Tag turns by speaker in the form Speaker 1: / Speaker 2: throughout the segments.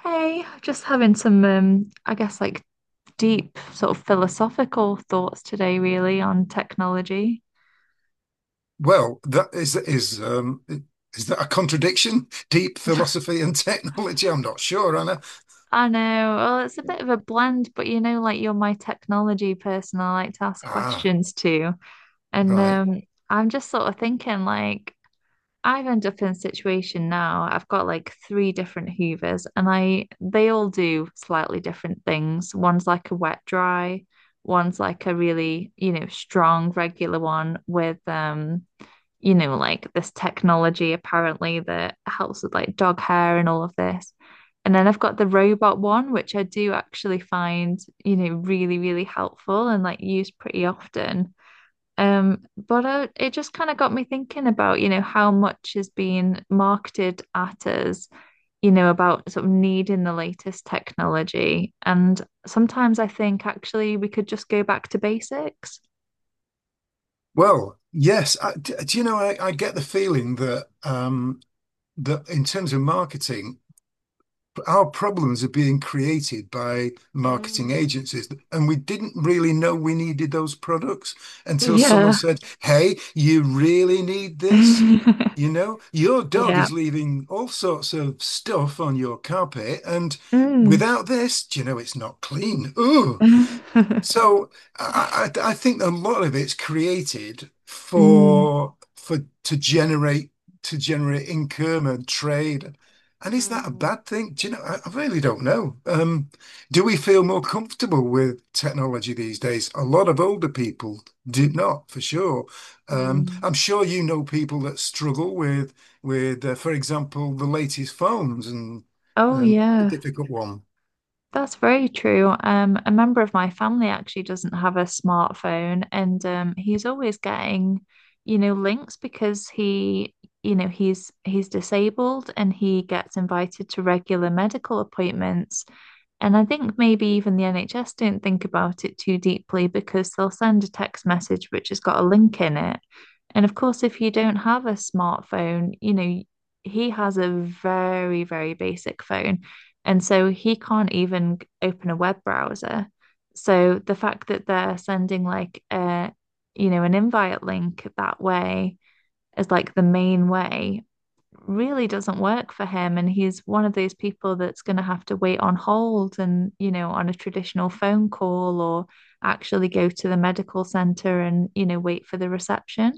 Speaker 1: Hey, just having some, I guess, like deep sort of philosophical thoughts today, really, on technology.
Speaker 2: Well, that is that a contradiction? Deep philosophy and technology? I'm not sure, Anna.
Speaker 1: I know, well, it's a bit of a blend, but you know, like you're my technology person, I like to ask
Speaker 2: Ah,
Speaker 1: questions to. And
Speaker 2: right.
Speaker 1: I'm just sort of thinking, like, I've ended up in a situation now. I've got like three different Hoovers and I they all do slightly different things. One's like a wet dry, one's like a really, you know, strong regular one with you know, like this technology apparently that helps with like dog hair and all of this. And then I've got the robot one, which I do actually find, you know, really, really helpful and like used pretty often. But it just kind of got me thinking about, you know, how much is being marketed at us, you know, about sort of needing the latest technology. And sometimes I think actually we could just go back to basics.
Speaker 2: Well, yes. Do you know? I get the feeling that that in terms of marketing, our problems are being created by marketing agencies, and we didn't really know we needed those products until someone
Speaker 1: Yeah.
Speaker 2: said, "Hey, you really need this." You know, your dog
Speaker 1: Yeah.
Speaker 2: is leaving all sorts of stuff on your carpet, and
Speaker 1: Mm.
Speaker 2: without this, do you know, it's not clean. Ooh. So I think a lot of it's created
Speaker 1: Mm.
Speaker 2: for to generate to generate income and trade. And is that a
Speaker 1: Mm.
Speaker 2: bad thing? Do you know? I really don't know. Do we feel more comfortable with technology these days? A lot of older people did not, for sure.
Speaker 1: Mm.
Speaker 2: I'm sure you know people that struggle with, for example, the latest phones and
Speaker 1: Oh,
Speaker 2: and it's a
Speaker 1: yeah.
Speaker 2: difficult one.
Speaker 1: That's very true. A member of my family actually doesn't have a smartphone, and he's always getting, you know, links because he, you know, he's disabled and he gets invited to regular medical appointments. And I think maybe even the NHS don't think about it too deeply because they'll send a text message which has got a link in it. And of course, if you don't have a smartphone, you know, he has a very, very basic phone. And so he can't even open a web browser. So the fact that they're sending like you know, an invite link that way as like the main way really doesn't work for him. And he's one of those people that's going to have to wait on hold and, you know, on a traditional phone call or actually go to the medical center and, you know, wait for the reception.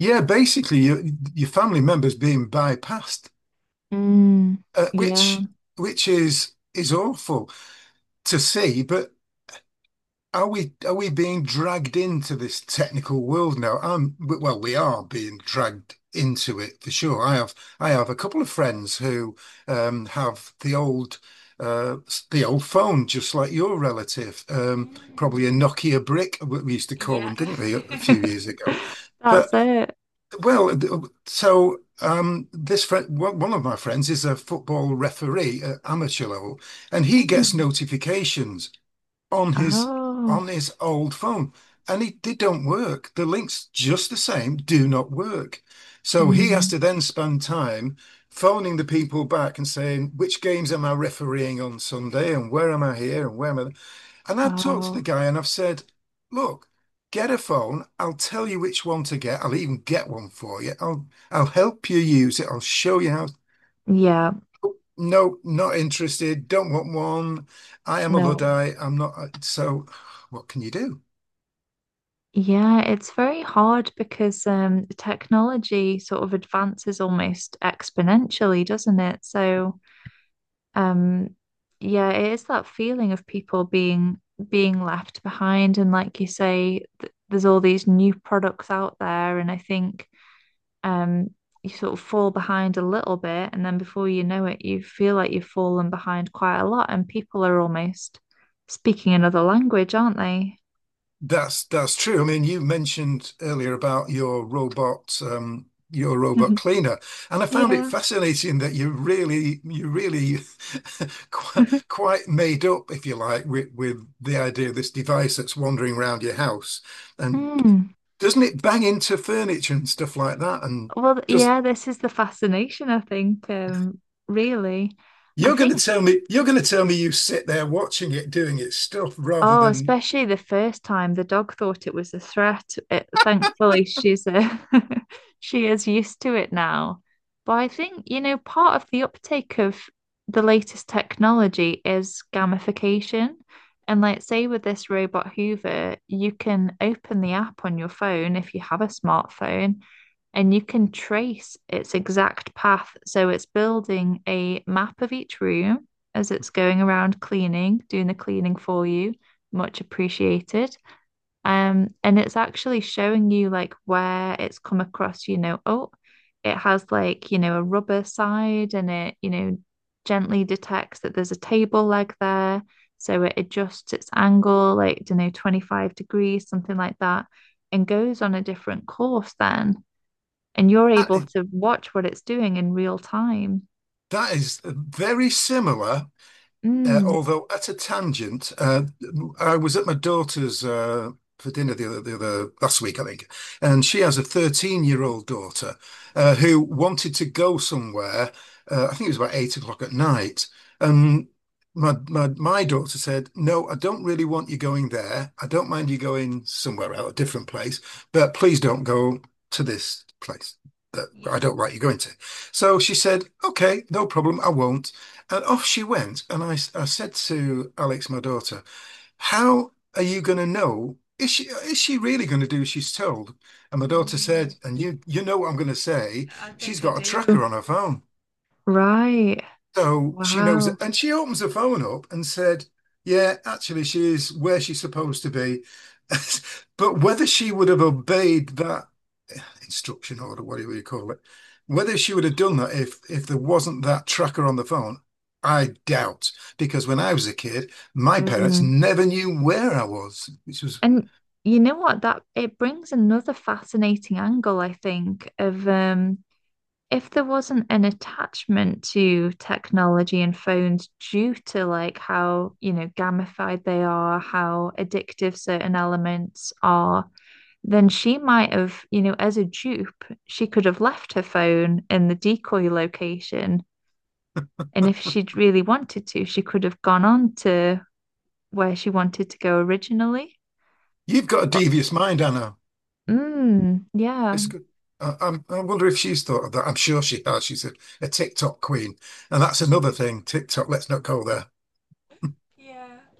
Speaker 2: Yeah, basically your family members being bypassed,
Speaker 1: Mm,
Speaker 2: uh,
Speaker 1: yeah.
Speaker 2: which which is awful to see. But are we being dragged into this technical world now? Well, we are being dragged into it for sure. I have a couple of friends who have the old the old phone, just like your relative,
Speaker 1: Mm.
Speaker 2: probably a Nokia brick, what we used to call
Speaker 1: Yeah.
Speaker 2: them, didn't we, a few years ago?
Speaker 1: That's
Speaker 2: But
Speaker 1: it.
Speaker 2: Well, th- uh, so this friend, one of my friends is a football referee at amateur level, and he gets
Speaker 1: Mm.
Speaker 2: notifications on his on
Speaker 1: Oh.
Speaker 2: his old phone, and it, they don't work. The links, just the same, do not work. So he has
Speaker 1: Mm.
Speaker 2: to then spend time phoning the people back and saying, which games am I refereeing on Sunday, and where am I here, and where am I and I've talked to
Speaker 1: Oh.
Speaker 2: the guy and I've said, look, get a phone. I'll tell you which one to get. I'll even get one for you. I'll help you use it. I'll show you how.
Speaker 1: Yeah.
Speaker 2: No, not interested. Don't want one. I am a
Speaker 1: No.
Speaker 2: Luddite. I'm not. So what can you do?
Speaker 1: Yeah, it's very hard because technology sort of advances almost exponentially, doesn't it? So, um, yeah, it is that feeling of people being left behind, and like you say, th there's all these new products out there, and I think um, you sort of fall behind a little bit, and then before you know it, you feel like you've fallen behind quite a lot, and people are almost speaking another language, aren't they?
Speaker 2: That's true. I mean, you mentioned earlier about your robot cleaner, and I found it
Speaker 1: Yeah.
Speaker 2: fascinating that you really quite, quite made up, if you like, with the idea of this device that's wandering around your house. And
Speaker 1: Mm.
Speaker 2: doesn't it bang into furniture and stuff like that? And
Speaker 1: Well,
Speaker 2: just
Speaker 1: yeah, this is the fascination, I think, really. I think
Speaker 2: you're going to tell me you sit there watching it doing its stuff rather
Speaker 1: Oh,
Speaker 2: than
Speaker 1: especially the first time the dog thought it was a threat. It, thankfully, she's a she is used to it now. But I think, you know, part of the uptake of the latest technology is gamification. And like, say with this robot Hoover, you can open the app on your phone if you have a smartphone, and you can trace its exact path. So it's building a map of each room as it's going around cleaning, doing the cleaning for you much appreciated. And it's actually showing you like where it's come across, you know, oh, it has like, you know, a rubber side and it, you know, gently detects that there's a table leg there. So it adjusts its angle, like, you know, 25 degrees, something like that, and goes on a different course then. And you're
Speaker 2: that.
Speaker 1: able to watch what it's doing in real time.
Speaker 2: That is very similar.
Speaker 1: Mm.
Speaker 2: Although at a tangent, I was at my daughter's for dinner the other last week, I think, and she has a 13-year-old daughter who
Speaker 1: Mm.
Speaker 2: wanted to go somewhere. I think it was about 8 o'clock at night, and my daughter said, "No, I don't really want you going there. I don't mind you going somewhere else, a different place, but please don't go to this place that I
Speaker 1: Yeah.
Speaker 2: don't like you going to." So she said, "Okay, no problem, I won't." And off she went. And I said to Alex, my daughter, how are you going to know? Is she really going to do as she's told? And my daughter
Speaker 1: Mm,
Speaker 2: said, and you know what I'm going to say,
Speaker 1: I
Speaker 2: she's
Speaker 1: think I
Speaker 2: got a tracker
Speaker 1: do.
Speaker 2: on her phone.
Speaker 1: Right.
Speaker 2: So she knows it.
Speaker 1: Wow.
Speaker 2: And she opens her phone up and said, yeah, actually, she is where she's supposed to be. But whether she would have obeyed that instruction order, whatever you call it, whether she would have done that if there wasn't that tracker on the phone, I doubt. Because when I was a kid, my parents
Speaker 1: Mm.
Speaker 2: never knew where I was, which was,
Speaker 1: And you know what? That it brings another fascinating angle, I think, of if there wasn't an attachment to technology and phones due to like how, you know, gamified they are, how addictive certain elements are, then she might have, you know, as a dupe, she could have left her phone in the decoy location. And if she'd really wanted to, she could have gone on to where she wanted to go originally.
Speaker 2: you've got a devious mind, Anna.
Speaker 1: Mm, yeah.
Speaker 2: It's good. I wonder if she's thought of that. I'm sure she has. She's a TikTok queen. And that's another thing. TikTok, let's not go there.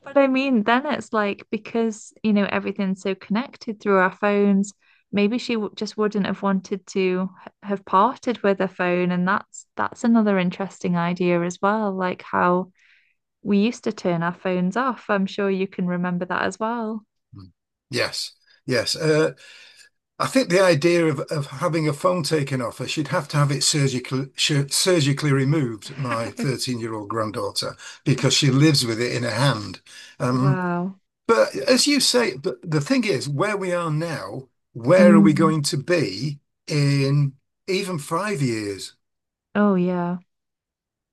Speaker 1: But I mean, then it's like because, you know, everything's so connected through our phones, maybe she w just wouldn't have wanted to have parted with her phone. And that's another interesting idea as well, like how we used to turn our phones off. I'm sure you can remember that as well.
Speaker 2: Mm. Yes, yes. I think the idea of having a phone taken off her, she'd have to have it surgically removed, my 13-year-old granddaughter, because she lives with it in her hand. Um,
Speaker 1: Wow.
Speaker 2: but as you say, but the thing is, where we are now, where are we
Speaker 1: Mm.
Speaker 2: going to be in even 5 years?
Speaker 1: Oh yeah.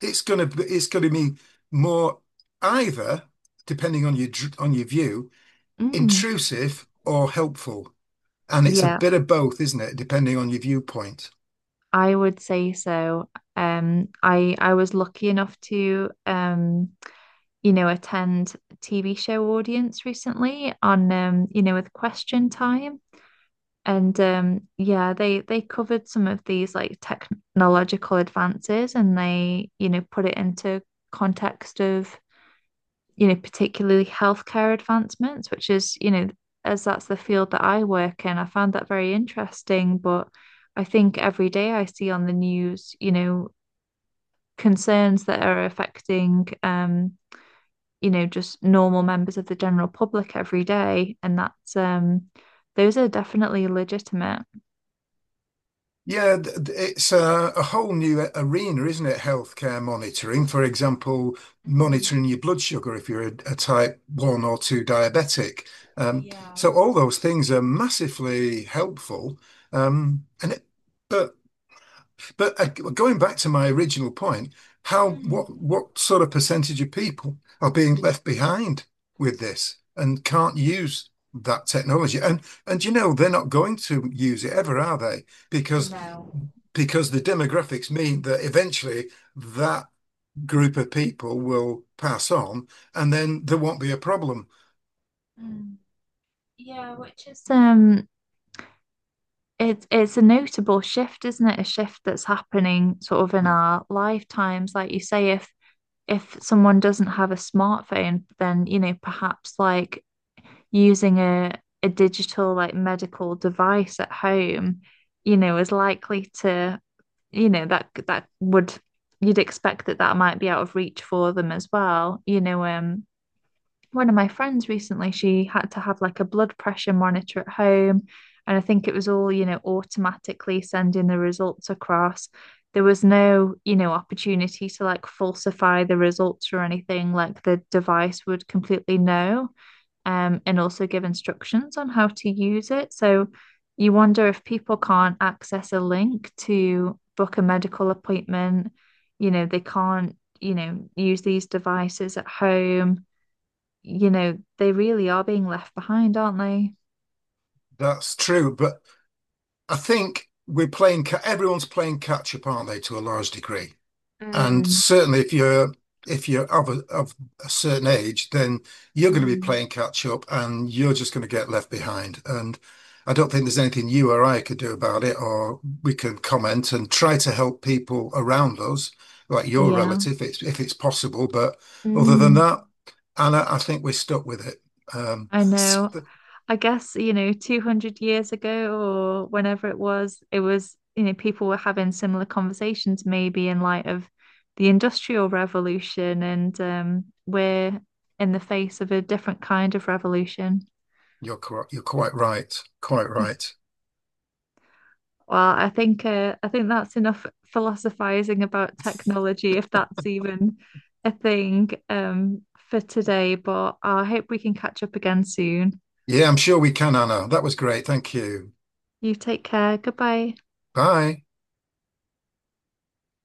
Speaker 2: It's gonna be more either, depending on your view,
Speaker 1: Mm.
Speaker 2: intrusive or helpful. And it's a
Speaker 1: Yeah,
Speaker 2: bit of both, isn't it? Depending on your viewpoint.
Speaker 1: I would say so. I was lucky enough to you know, attend a TV show audience recently on you know, with Question Time. And yeah, they covered some of these like technological advances and they, you know, put it into context of, you know, particularly healthcare advancements, which is, you know, as that's the field that I work in, I found that very interesting. But I think every day I see on the news, you know, concerns that are affecting you know, just normal members of the general public every day. And that's those are definitely legitimate.
Speaker 2: Yeah, it's a whole new arena, isn't it? Healthcare monitoring, for example, monitoring your blood sugar if you're a type one or two diabetic. Um, so all those things are massively helpful. And it, but Going back to my original point, how what sort of percentage of people are being left behind with this and can't use that technology? And you know they're not going to use it ever, are they? because because the demographics mean that eventually that group of people will pass on and then there won't be a problem.
Speaker 1: Mm. Yeah, which is it's a notable shift, isn't it? A shift that's happening sort of in
Speaker 2: Mm.
Speaker 1: our lifetimes. Like you say, if someone doesn't have a smartphone, then you know, perhaps like using a digital like medical device at home, you know, is likely to that would you'd expect that that might be out of reach for them as well, you know. One of my friends recently, she had to have like a blood pressure monitor at home, and I think it was all, you know, automatically sending the results across. There was no, you know, opportunity to like falsify the results or anything, like the device would completely know. And also give instructions on how to use it. So you wonder if people can't access a link to book a medical appointment, you know, they can't, you know, use these devices at home, you know, they really are being left behind, aren't they?
Speaker 2: That's true. But I think we're playing, everyone's playing catch up, aren't they, to a large degree? And
Speaker 1: Mm.
Speaker 2: certainly, if you're of of a certain age, then you're going to be
Speaker 1: Mm.
Speaker 2: playing catch up, and you're just going to get left behind. And I don't think there's anything you or I could do about it, or we can comment and try to help people around us, like your
Speaker 1: Yeah,
Speaker 2: relative, if it's possible. But other than
Speaker 1: mm.
Speaker 2: that, Anna, I think we're stuck with it.
Speaker 1: I
Speaker 2: So
Speaker 1: know. I guess, you know, 200 years ago or whenever it was, you know, people were having similar conversations maybe in light of the Industrial Revolution, and we're in the face of a different kind of revolution.
Speaker 2: you're quite right, quite right.
Speaker 1: Well, I think that's enough philosophizing about technology, if that's even a thing for today. But I hope we can catch up again soon.
Speaker 2: Yeah, I'm sure we can, Anna. That was great. Thank you.
Speaker 1: You take care. Goodbye.
Speaker 2: Bye.